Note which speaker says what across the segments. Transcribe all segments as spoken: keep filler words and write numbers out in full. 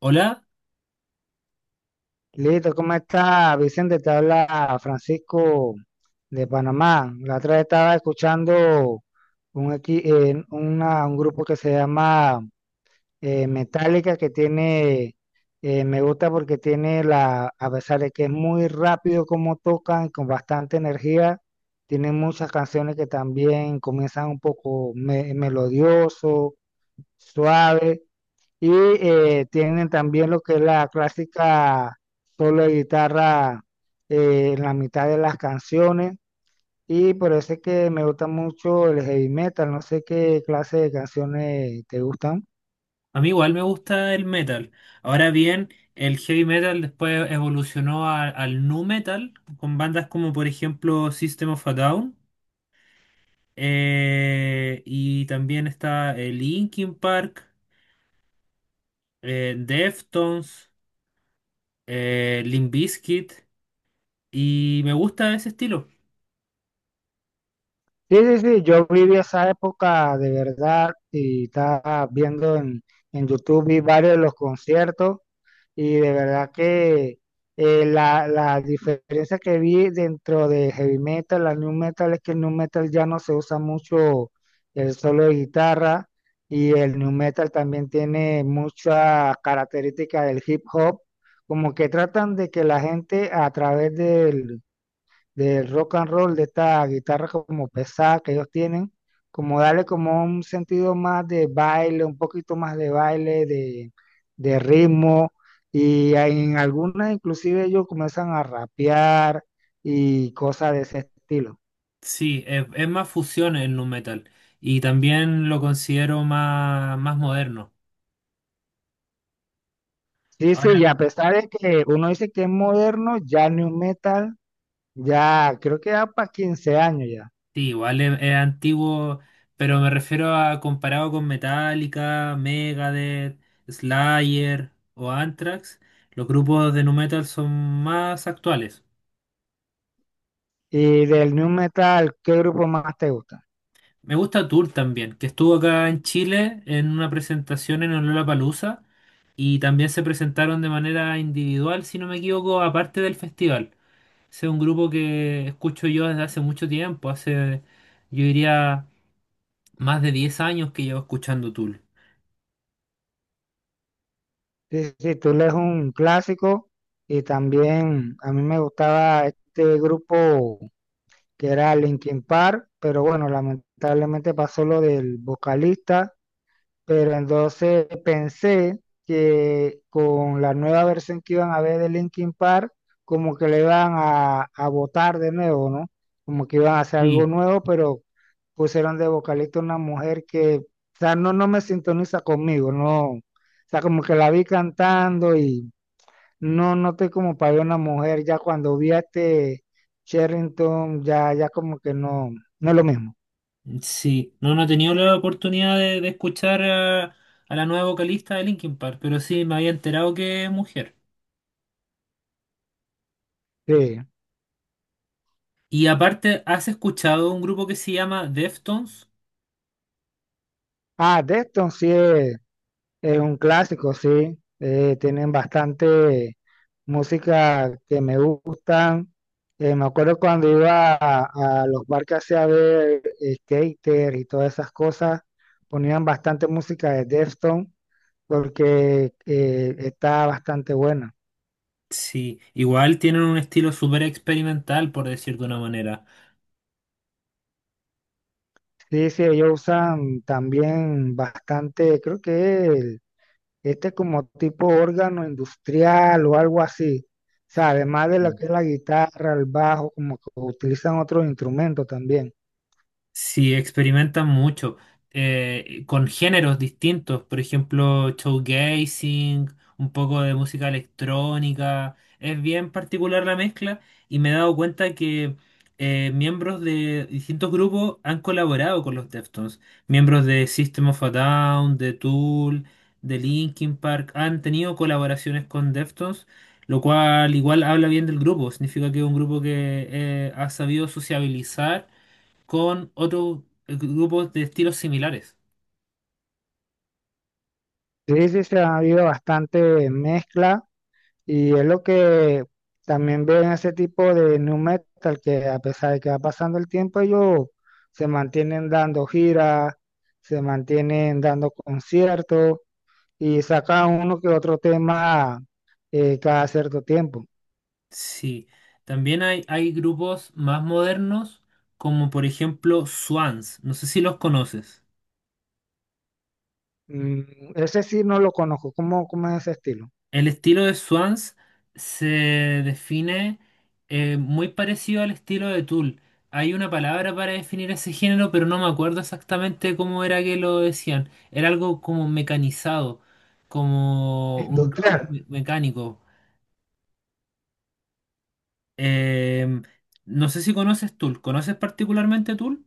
Speaker 1: Hola,
Speaker 2: Listo, ¿cómo está Vicente? Te habla Francisco de Panamá. La otra vez estaba escuchando un, equi- eh, una- un grupo que se llama eh, Metallica que tiene, eh, me gusta porque tiene la, a pesar de que es muy rápido como tocan, con bastante energía, tienen muchas canciones que también comienzan un poco me- melodioso, suave. Y eh, tienen también lo que es la clásica solo de guitarra eh, en la mitad de las canciones. Y por eso es que me gusta mucho el heavy metal. No sé qué clase de canciones te gustan.
Speaker 1: a mí igual me gusta el metal. Ahora bien, el heavy metal después evolucionó a- al nu metal con bandas como por ejemplo System of a Down eh, y también está eh, Linkin Park, eh, Deftones, eh, Limp Bizkit y me gusta ese estilo.
Speaker 2: Sí, sí, sí. Yo viví esa época de verdad y estaba viendo en, en YouTube, vi varios de los conciertos. Y de verdad que eh, la, la diferencia que vi dentro de heavy metal a new metal es que el new metal ya no se usa mucho el solo de guitarra, y el new metal también tiene mucha característica del hip hop, como que tratan de que la gente a través del del rock and roll, de esta guitarra como pesada que ellos tienen, como darle como un sentido más de baile, un poquito más de baile, de, de ritmo, y en algunas inclusive ellos comienzan a rapear y cosas de ese estilo.
Speaker 1: Sí, es, es más fusión el nu metal y también lo considero más, más moderno.
Speaker 2: Sí, sí, y a pesar de que uno dice que es moderno, ya new metal, ya creo que ya para quince años ya.
Speaker 1: Sí, igual es, es antiguo, pero me refiero a comparado con Metallica, Megadeth, Slayer o Anthrax, los grupos de nu metal son más actuales.
Speaker 2: Y del new metal, ¿qué grupo más te gusta?
Speaker 1: Me gusta Tool también, que estuvo acá en Chile en una presentación en el Lollapalooza y también se presentaron de manera individual, si no me equivoco, aparte del festival. Ese es un grupo que escucho yo desde hace mucho tiempo, hace, yo diría, más de diez años que llevo escuchando Tool.
Speaker 2: Sí, sí, Tool es un clásico y también a mí me gustaba este grupo que era Linkin Park, pero bueno, lamentablemente pasó lo del vocalista, pero entonces pensé que con la nueva versión que iban a ver de Linkin Park, como que le iban a, a botar de nuevo, ¿no? Como que iban a hacer algo
Speaker 1: Sí,
Speaker 2: nuevo, pero pusieron de vocalista una mujer que, o sea, no, no me sintoniza conmigo, no. O sea, como que la vi cantando y no noté como para ver una mujer, ya cuando vi a este Sherrington, ya, ya como que no, no es lo mismo.
Speaker 1: Sí, no, no he tenido la oportunidad de, de escuchar a, a la nueva vocalista de Linkin Park, pero sí me había enterado que es mujer.
Speaker 2: Sí.
Speaker 1: Y aparte, ¿has escuchado un grupo que se llama Deftones?
Speaker 2: Ah, Deston sí es. Es un clásico, sí. Eh, tienen bastante música que me gustan. Eh, me acuerdo cuando iba a, a los barcos a ver eh, skater y todas esas cosas, ponían bastante música de Deftones porque eh, está bastante buena.
Speaker 1: Sí, igual tienen un estilo súper experimental, por decir de una manera.
Speaker 2: Sí, sí, ellos usan también bastante, creo que este es como tipo órgano industrial o algo así, ¿sabes? Más de lo que es la guitarra, el bajo, como que utilizan otros instrumentos también.
Speaker 1: Sí, experimentan mucho eh, con géneros distintos, por ejemplo, showgazing, un poco de música electrónica. Es bien particular la mezcla y me he dado cuenta que eh, miembros de distintos grupos han colaborado con los Deftones. Miembros de System of a Down, de Tool, de Linkin Park han tenido colaboraciones con Deftones, lo cual igual habla bien del grupo. Significa que es un grupo que eh, ha sabido sociabilizar con otros grupos de estilos similares.
Speaker 2: Sí, sí, se ha habido bastante mezcla y es lo que también veo en ese tipo de nu metal, que a pesar de que va pasando el tiempo, ellos se mantienen dando giras, se mantienen dando conciertos y sacan uno que otro tema eh, cada cierto tiempo.
Speaker 1: Sí, también hay, hay grupos más modernos, como por ejemplo Swans. No sé si los conoces.
Speaker 2: Mm, ese sí no lo conozco. ¿Cómo, cómo es ese estilo?
Speaker 1: El estilo de Swans se define eh, muy parecido al estilo de Tool. Hay una palabra para definir ese género, pero no me acuerdo exactamente cómo era que lo decían. Era algo como mecanizado, como un rock
Speaker 2: Industrial.
Speaker 1: me- mecánico. Em, no sé si conoces Tool. ¿Conoces particularmente Tool?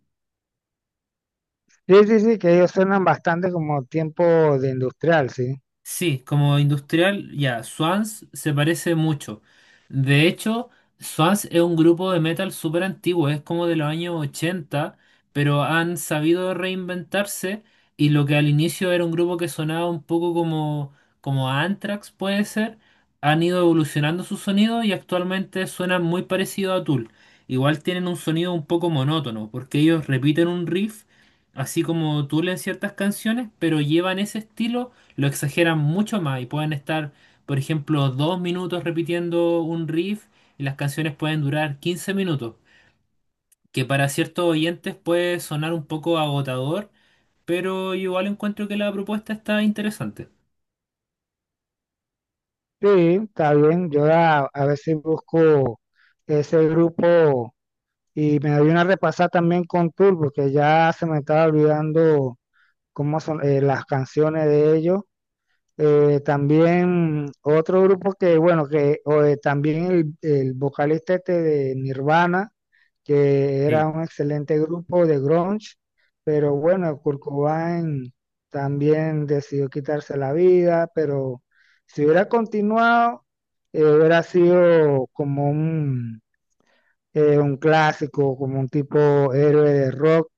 Speaker 2: Sí, sí, sí, que ellos suenan bastante como tiempo de industrial, sí.
Speaker 1: Sí, como industrial, ya, Swans se parece mucho. De hecho, Swans es un grupo de metal súper antiguo, es como de los años ochenta, pero han sabido reinventarse y lo que al inicio era un grupo que sonaba un poco como, como Anthrax, puede ser, han ido evolucionando su sonido y actualmente suenan muy parecido a Tool. Igual tienen un sonido un poco monótono, porque ellos repiten un riff, así como Tool en ciertas canciones, pero llevan ese estilo lo exageran mucho más y pueden estar, por ejemplo, dos minutos repitiendo un riff y las canciones pueden durar quince minutos, que para ciertos oyentes puede sonar un poco agotador, pero igual encuentro que la propuesta está interesante.
Speaker 2: Sí, está bien. Yo a, a ver si busco ese grupo y me doy una repasada también con Tool, porque ya se me estaba olvidando cómo son eh, las canciones de ellos. Eh, también otro grupo que, bueno, que o, eh, también el, el vocalista este de Nirvana, que era
Speaker 1: Sí,
Speaker 2: un excelente grupo de grunge, pero bueno, Kurt Cobain también decidió quitarse la vida, pero si hubiera continuado, eh, hubiera sido como un, eh, un clásico, como un tipo héroe de rock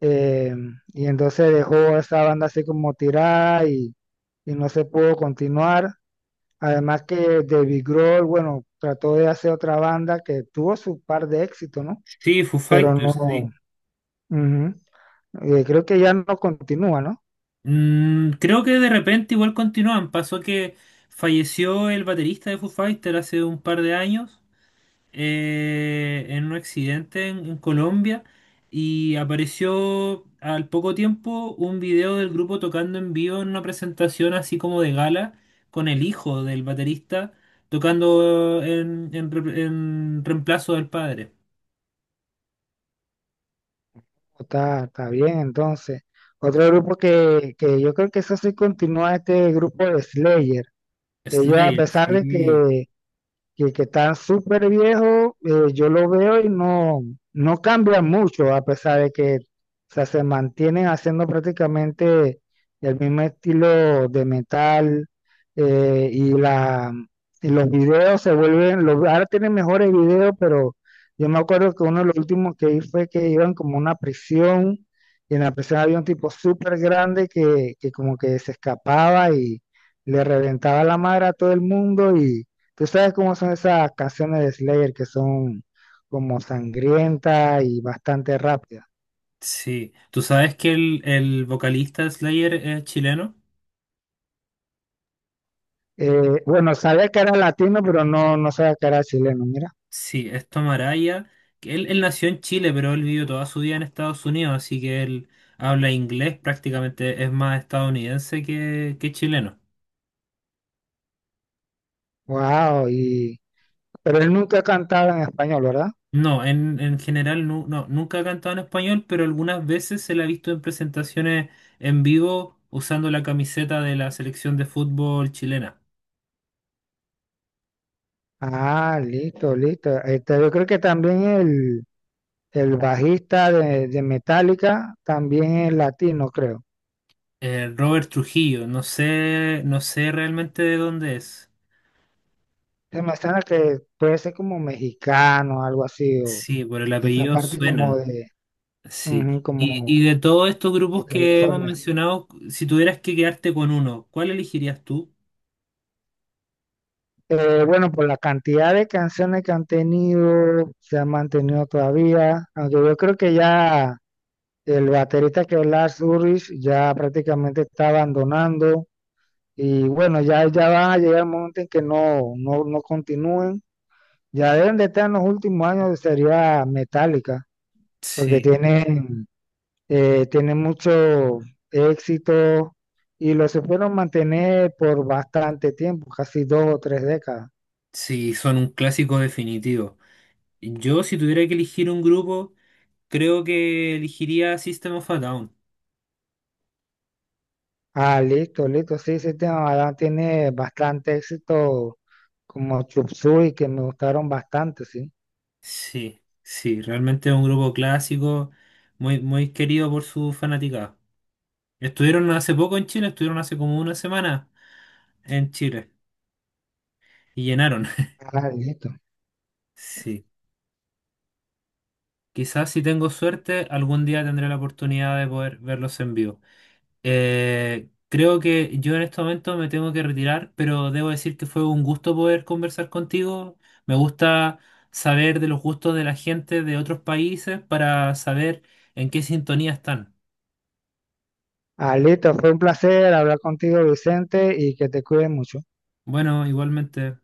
Speaker 2: eh, y entonces dejó esa banda así como tirada y, y no se pudo continuar. Además que David Grohl, bueno, trató de hacer otra banda que tuvo su par de éxito, ¿no?
Speaker 1: sí, Foo
Speaker 2: Pero no,
Speaker 1: Fighters, sí.
Speaker 2: ujú. Eh, creo que ya no continúa, ¿no?
Speaker 1: Mm, creo que de repente igual continúan. Pasó que falleció el baterista de Foo Fighters hace un par de años eh, en un accidente en, en Colombia y apareció al poco tiempo un video del grupo tocando en vivo en una presentación así como de gala con el hijo del baterista tocando en, en re- en reemplazo del padre.
Speaker 2: Está, está bien, entonces. Otro grupo que, que yo creo que eso sí continúa, este grupo de Slayer. Ellos, a
Speaker 1: Slayer,
Speaker 2: pesar de
Speaker 1: sí,
Speaker 2: que que, que está súper viejo, eh, yo lo veo y no, no cambia mucho, a pesar de que o sea, se mantienen haciendo prácticamente el mismo estilo de metal eh, y, la, y los videos se vuelven, los, ahora tienen mejores videos, pero yo me acuerdo que uno de los últimos que vi fue que iban como a una prisión y en la prisión había un tipo súper grande que, que como que se escapaba y le reventaba la madre a todo el mundo y tú sabes cómo son esas canciones de Slayer que son como sangrientas y bastante rápidas.
Speaker 1: sí. ¿Tú sabes que el, el vocalista de Slayer es chileno?
Speaker 2: Eh, bueno, sabía que era latino, pero no, no sabía que era chileno, mira.
Speaker 1: Sí, es Tom Araya, que Él, él nació en Chile, pero él vivió toda su vida en Estados Unidos, así que él habla inglés prácticamente, es más estadounidense que, que chileno.
Speaker 2: Wow, y pero él nunca ha cantado en español, ¿verdad?
Speaker 1: No, en, en general nu- no, nunca ha cantado en español, pero algunas veces se la ha visto en presentaciones en vivo usando la camiseta de la selección de fútbol chilena.
Speaker 2: Ah, listo, listo. Este, yo creo que también el, el bajista de, de Metallica también es latino, creo.
Speaker 1: Eh, Robert Trujillo, no sé, no sé realmente de dónde es.
Speaker 2: Se me suena que puede ser como mexicano, algo así, o
Speaker 1: Sí, por el
Speaker 2: esa
Speaker 1: apellido
Speaker 2: parte como
Speaker 1: suena.
Speaker 2: de,
Speaker 1: Sí.
Speaker 2: ujú,
Speaker 1: Y,
Speaker 2: como
Speaker 1: y de todos estos
Speaker 2: de
Speaker 1: grupos que hemos
Speaker 2: California.
Speaker 1: mencionado, si tuvieras que quedarte con uno, ¿cuál elegirías tú?
Speaker 2: Eh, bueno, por la cantidad de canciones que han tenido, se han mantenido todavía, aunque yo creo que ya el baterista que es Lars Ulrich ya prácticamente está abandonando y bueno, ya, ya van a llegar el momento en que no, no, no continúen, ya deben de estar en los últimos años de sería metálica, porque
Speaker 1: Sí,
Speaker 2: tienen, eh, tienen mucho éxito y lo supieron mantener por bastante tiempo, casi dos o tres décadas.
Speaker 1: sí, son un clásico definitivo. Yo, si tuviera que elegir un grupo, creo que elegiría System of a Down.
Speaker 2: Ah, listo, listo. Sí, sí, tiene, la verdad, tiene bastante éxito como Chup Suey, que me gustaron bastante, sí.
Speaker 1: Sí, sí, realmente es un grupo clásico, muy, muy querido por su fanaticada. Estuvieron hace poco en Chile, estuvieron hace como una semana en Chile y llenaron.
Speaker 2: Ah, listo.
Speaker 1: Sí, quizás si tengo suerte, algún día tendré la oportunidad de poder verlos en vivo. Eh, creo que yo en este momento me tengo que retirar, pero debo decir que fue un gusto poder conversar contigo. Me gusta saber de los gustos de la gente de otros países para saber en qué sintonía están.
Speaker 2: Ah, listo. Fue un placer hablar contigo, Vicente, y que te cuides mucho.
Speaker 1: Bueno, igualmente.